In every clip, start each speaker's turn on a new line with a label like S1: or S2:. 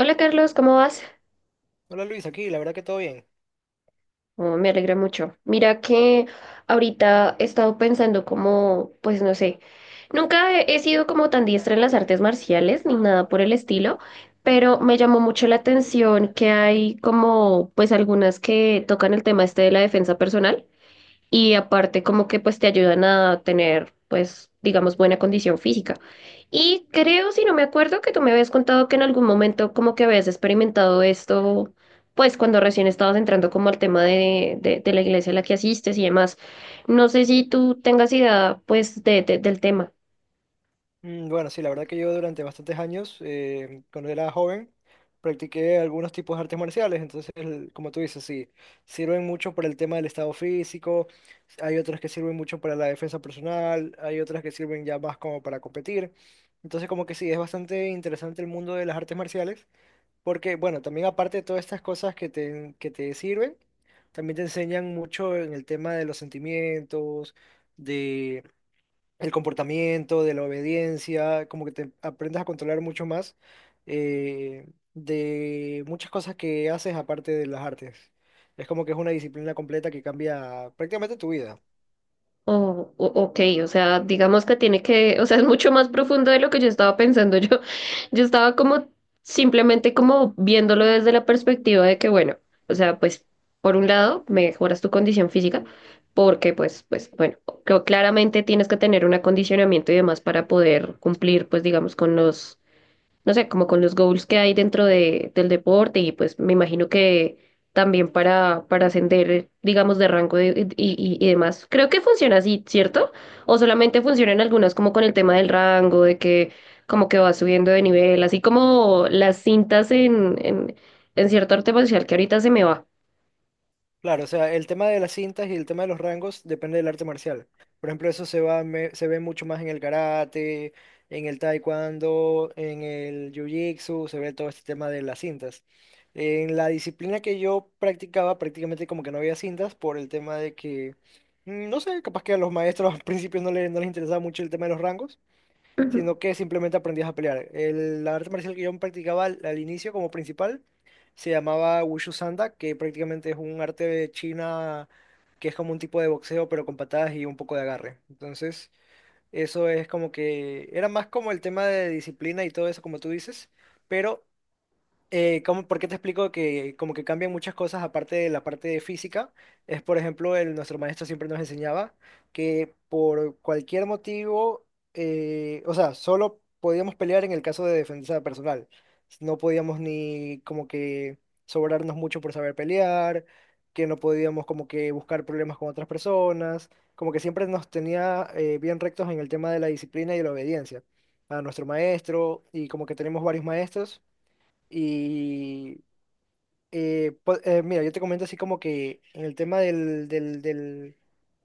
S1: Hola Carlos, ¿cómo vas?
S2: Hola Luis, aquí, la verdad que todo bien.
S1: Oh, me alegra mucho. Mira que ahorita he estado pensando como, pues no sé, nunca he sido como tan diestra en las artes marciales ni nada por el estilo, pero me llamó mucho la atención que hay como, pues algunas que tocan el tema este de la defensa personal. Y aparte como que pues te ayudan a tener pues digamos buena condición física. Y creo, si no me acuerdo, que tú me habías contado que en algún momento como que habías experimentado esto pues cuando recién estabas entrando como al tema de la iglesia a la que asistes y demás. No sé si tú tengas idea pues del tema.
S2: Bueno, sí, la verdad que yo durante bastantes años, cuando era joven, practiqué algunos tipos de artes marciales. Entonces, como tú dices, sí, sirven mucho para el tema del estado físico, hay otras que sirven mucho para la defensa personal, hay otras que sirven ya más como para competir. Entonces, como que sí, es bastante interesante el mundo de las artes marciales, porque, bueno, también aparte de todas estas cosas que que te sirven, también te enseñan mucho en el tema de los sentimientos, el comportamiento, de la obediencia, como que te aprendes a controlar mucho más eh, de muchas cosas que haces aparte de las artes. Es como que es una disciplina completa que cambia prácticamente tu vida.
S1: Oh, o- ok, o sea, digamos que tiene que, o sea, es mucho más profundo de lo que yo estaba pensando. Yo estaba como simplemente como viéndolo desde la perspectiva de que, bueno, o sea, pues por un lado mejoras tu condición física, porque pues, pues, bueno, creo claramente tienes que tener un acondicionamiento y demás para poder cumplir, pues, digamos, con los no sé, como con los goals que hay dentro del deporte y pues me imagino que también para ascender, digamos, de rango de- y demás. Creo que funciona así, ¿cierto? O solamente funcionan algunas como con el tema del rango, de que como que va subiendo de nivel, así como las cintas en cierto arte marcial que ahorita se me va.
S2: Claro, o sea, el tema de las cintas y el tema de los rangos depende del arte marcial. Por ejemplo, eso se se ve mucho más en el karate, en el taekwondo, en el jiu-jitsu, se ve todo este tema de las cintas. En la disciplina que yo practicaba, prácticamente como que no había cintas por el tema de que, mm, no sé, capaz que a los maestros al principio no les interesaba mucho el tema de los rangos,
S1: Ujú.
S2: sino que simplemente aprendías a pelear. La arte marcial que yo practicaba al inicio como principal se llamaba Wushu Sanda, que prácticamente es un arte de China, que es como un tipo de boxeo, pero con patadas y un poco de agarre. Entonces, eso es como que era más como el tema de disciplina y todo eso, como tú dices. Pero ¿ por qué te explico que como que cambian muchas cosas aparte de la parte de física? Es, por ejemplo, nuestro maestro siempre nos enseñaba que por cualquier motivo, o sea, solo podíamos pelear en el caso de defensa personal. No podíamos ni como que sobrarnos mucho por saber pelear, que no podíamos como que buscar problemas con otras personas, como que siempre nos tenía bien rectos en el tema de la disciplina y la obediencia a nuestro maestro, y como que tenemos varios maestros. Y mira, yo te comento así como que en el tema del...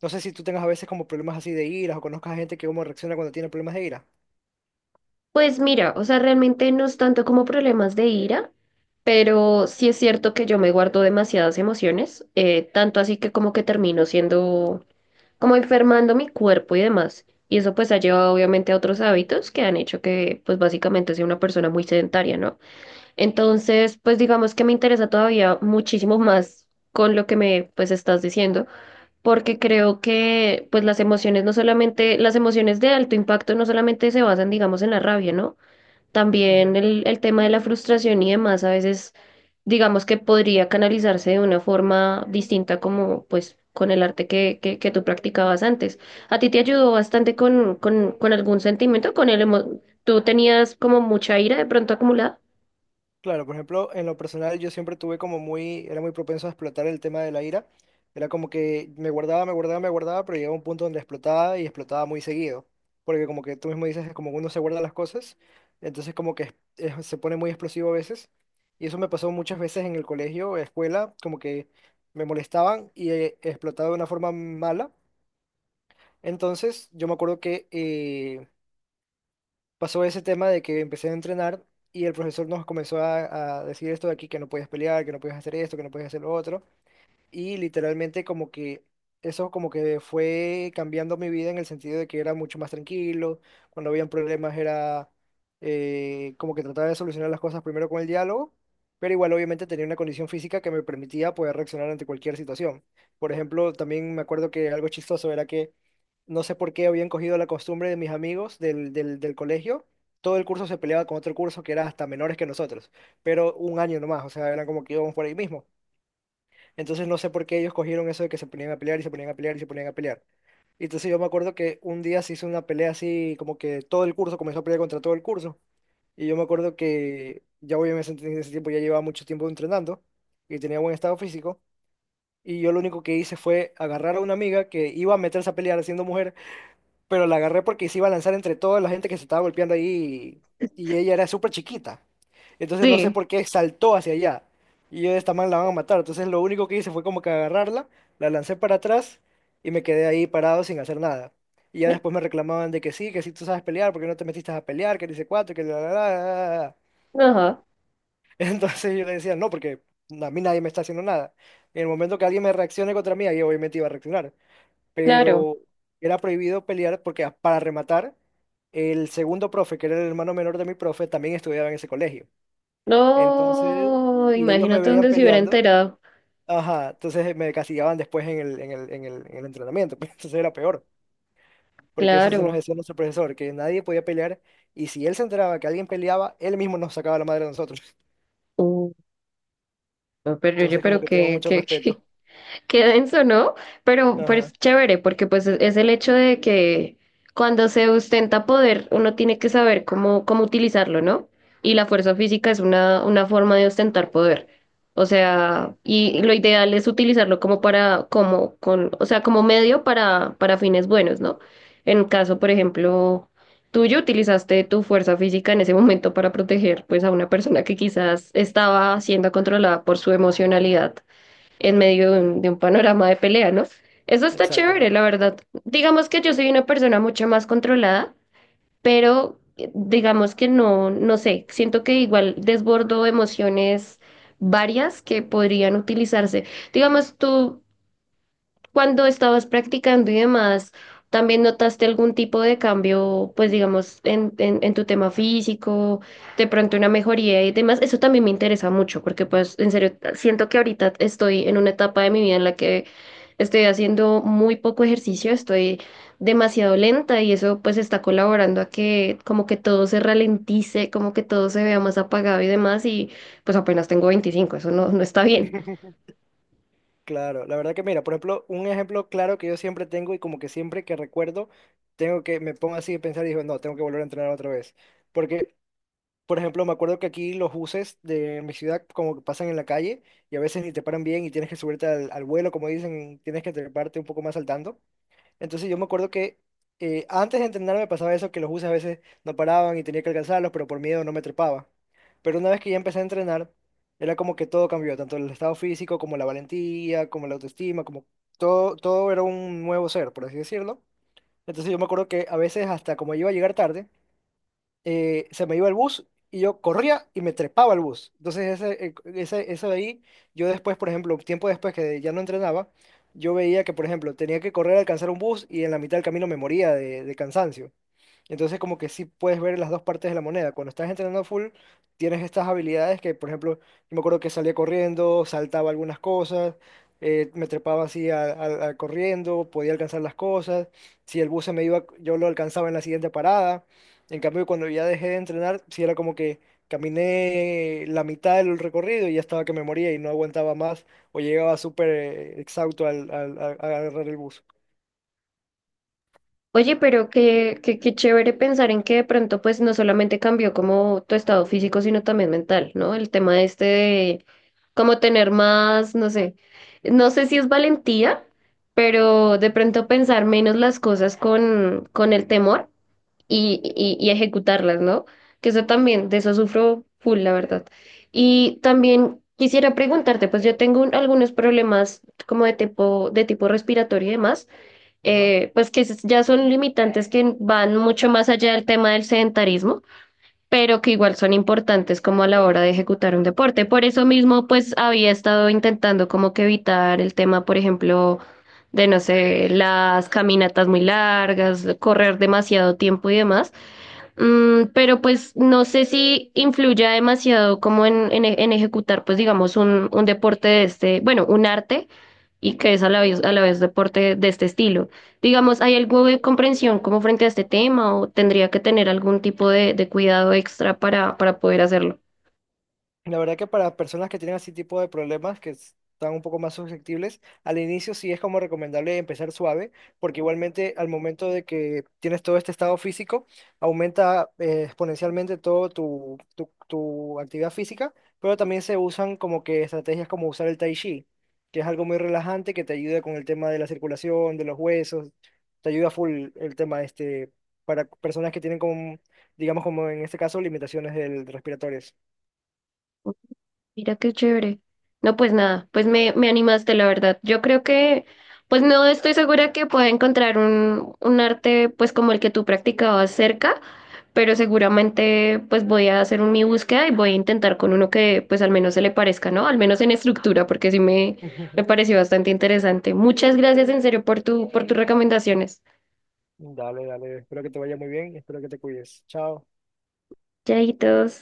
S2: No sé si tú tengas a veces como problemas así de ira o conozcas a gente que cómo reacciona cuando tiene problemas de ira.
S1: Pues mira, o sea, realmente no es tanto como problemas de ira, pero sí es cierto que yo me guardo demasiadas emociones, tanto así que como que termino siendo, como enfermando mi cuerpo y demás. Y eso pues ha llevado obviamente a otros hábitos que han hecho que pues básicamente sea una persona muy sedentaria, ¿no? Entonces, pues digamos que me interesa todavía muchísimo más con lo que me pues estás diciendo porque creo que pues las emociones no solamente, las emociones de alto impacto no solamente se basan, digamos, en la rabia, ¿no? También el tema de la frustración y demás, a veces digamos que podría canalizarse de una forma distinta como pues con el arte que tú practicabas antes. ¿A ti te ayudó bastante con algún sentimiento? ¿Con el emo- ¿Tú tenías como mucha ira de pronto acumulada?
S2: Claro, por ejemplo, en lo personal yo siempre tuve como muy, era muy propenso a explotar el tema de la ira. Era como que me guardaba, pero llegaba un punto donde explotaba, y explotaba muy seguido. Porque como que tú mismo dices, es como que uno se guarda las cosas, entonces como que se pone muy explosivo a veces. Y eso me pasó muchas veces en el colegio, escuela, como que me molestaban y explotaba de una forma mala. Entonces yo me acuerdo que pasó ese tema de que empecé a entrenar, y el profesor nos comenzó a decir esto de aquí, que no podías pelear, que no podías hacer esto, que no podías hacer lo otro, y literalmente como que eso como que fue cambiando mi vida en el sentido de que era mucho más tranquilo. Cuando habían problemas era como que trataba de solucionar las cosas primero con el diálogo, pero igual obviamente tenía una condición física que me permitía poder reaccionar ante cualquier situación. Por ejemplo, también me acuerdo que algo chistoso era que no sé por qué habían cogido la costumbre de mis amigos del colegio. Todo el curso se peleaba con otro curso que era hasta menores que nosotros, pero un año nomás, o sea, eran como que íbamos por ahí mismo. Entonces no sé por qué ellos cogieron eso de que se ponían a pelear, y se ponían a pelear, y se ponían a pelear. Y entonces yo me acuerdo que un día se hizo una pelea así, como que todo el curso comenzó a pelear contra todo el curso. Y yo me acuerdo que ya voy en ese tiempo, ya llevaba mucho tiempo entrenando y tenía buen estado físico. Y yo lo único que hice fue agarrar a una amiga que iba a meterse a pelear siendo mujer, pero la agarré porque se iba a lanzar entre toda la gente que se estaba golpeando ahí, y ella era súper chiquita. Entonces no sé
S1: Sí.
S2: por qué saltó hacia allá. Y yo de esta man la van a matar. Entonces lo único que hice fue como que agarrarla, la lancé para atrás y me quedé ahí parado sin hacer nada. Y ya después me reclamaban de que sí tú sabes pelear, porque no te metiste a pelear, que dice cuatro, que la".
S1: Ajá,
S2: Entonces yo le decía, no, porque a mí nadie me está haciendo nada. En el momento que alguien me reaccione contra mí, ahí obviamente iba a reaccionar,
S1: claro.
S2: pero era prohibido pelear porque para rematar, el segundo profe, que era el hermano menor de mi profe, también estudiaba en ese colegio. Entonces,
S1: No,
S2: si ellos me
S1: imagínate
S2: veían
S1: donde se hubiera
S2: peleando,
S1: enterado.
S2: ajá, entonces me castigaban después en el entrenamiento, pues entonces era peor. Porque eso sí nos
S1: Claro.
S2: decía nuestro profesor, que nadie podía pelear, y si él se enteraba que alguien peleaba, él mismo nos sacaba la madre a nosotros.
S1: Uh, no, pero oye,
S2: Entonces como
S1: pero
S2: que tenemos
S1: qué,
S2: mucho
S1: qué,
S2: respeto.
S1: qué, qué denso, ¿no? Pero
S2: Ajá,
S1: es chévere porque pues es el hecho de que cuando se ostenta poder uno tiene que saber cómo, cómo utilizarlo, ¿no? Y la fuerza física es una forma de ostentar poder. O sea, y lo ideal es utilizarlo como para, como, con, o sea, como medio para fines buenos, ¿no? En caso, por ejemplo, tuyo, utilizaste tu fuerza física en ese momento para proteger pues a una persona que quizás estaba siendo controlada por su emocionalidad en medio de un panorama de pelea, ¿no? Eso está chévere,
S2: exactamente.
S1: la verdad. Digamos que yo soy una persona mucho más controlada, pero digamos que no, no sé, siento que igual desbordo emociones varias que podrían utilizarse. Digamos, tú cuando estabas practicando y demás, ¿también notaste algún tipo de cambio, pues digamos, en tu tema físico, de pronto una mejoría y demás? Eso también me interesa mucho porque pues en serio, siento que ahorita estoy en una etapa de mi vida en la que estoy haciendo muy poco ejercicio, estoy demasiado lenta y eso pues está colaborando a que como que todo se ralentice, como que todo se vea más apagado y demás y pues apenas tengo 25, eso no, no está bien.
S2: Claro, la verdad que mira, por ejemplo, un ejemplo claro que yo siempre tengo y como que siempre que recuerdo, tengo que, me pongo así a pensar y digo, no, tengo que volver a entrenar otra vez. Porque, por ejemplo, me acuerdo que aquí los buses de mi ciudad como que pasan en la calle, y a veces ni te paran bien y tienes que subirte al vuelo, como dicen, tienes que treparte un poco más saltando. Entonces yo me acuerdo que antes de entrenar me pasaba eso, que los buses a veces no paraban y tenía que alcanzarlos, pero por miedo no me trepaba. Pero una vez que ya empecé a entrenar, era como que todo cambió, tanto el estado físico como la valentía, como la autoestima, como todo, todo era un nuevo ser, por así decirlo. Entonces yo me acuerdo que a veces hasta como iba a llegar tarde, se me iba el bus y yo corría y me trepaba al bus. Entonces, eso de ahí, yo después, por ejemplo, tiempo después que ya no entrenaba, yo veía que, por ejemplo, tenía que correr a alcanzar un bus y en la mitad del camino me moría de cansancio. Entonces como que sí puedes ver las dos partes de la moneda. Cuando estás entrenando full, tienes estas habilidades que, por ejemplo, yo me acuerdo que salía corriendo, saltaba algunas cosas, me trepaba así a corriendo, podía alcanzar las cosas. Si el bus se me iba, yo lo alcanzaba en la siguiente parada. En cambio, cuando ya dejé de entrenar, sí era como que caminé la mitad del recorrido y ya estaba que me moría y no aguantaba más, o llegaba súper exhausto a agarrar el bus.
S1: Oye, pero qué, qué, qué chévere pensar en que de pronto pues no solamente cambió como tu estado físico, sino también mental, ¿no? El tema este de como tener más, no sé, no sé si es valentía, pero de pronto pensar menos las cosas con el temor y ejecutarlas, ¿no? Que eso también, de eso sufro full, la verdad. Y también quisiera preguntarte, pues yo tengo un- algunos problemas como de tipo respiratorio y demás. Pues que es- ya son limitantes que van mucho más allá del tema del sedentarismo, pero que igual son importantes como a la hora de ejecutar un deporte. Por eso mismo, pues había estado intentando como que evitar el tema, por ejemplo, de, no sé, las caminatas muy largas, correr demasiado tiempo y demás. Mm, pero pues no sé si influya demasiado como en, e- en ejecutar, pues digamos, un deporte de este, bueno, un arte y que es a la vez deporte de este estilo. Digamos, ¿hay algo de comprensión como frente a este tema o tendría que tener algún tipo de cuidado extra para poder hacerlo?
S2: La verdad que para personas que tienen así tipo de problemas, que están un poco más susceptibles, al inicio sí es como recomendable empezar suave, porque igualmente al momento de que tienes todo este estado físico, aumenta exponencialmente todo tu actividad física, pero también se usan como que estrategias como usar el tai chi, que es algo muy relajante que te ayuda con el tema de la circulación, de los huesos, te ayuda full el tema este, para personas que tienen como, digamos como en este caso, limitaciones respiratorias.
S1: Mira qué chévere. No, pues nada, pues me animaste, la verdad. Yo creo que, pues no estoy segura que pueda encontrar un arte pues como el que tú practicabas cerca, pero seguramente pues voy a hacer un, mi búsqueda y voy a intentar con uno que pues al menos se le parezca, ¿no? Al menos en estructura, porque sí me pareció bastante interesante. Muchas gracias en serio por tu, por tus recomendaciones.
S2: Dale, dale. Espero que te vaya muy bien. Espero que te cuides. Chao.
S1: Chaitos.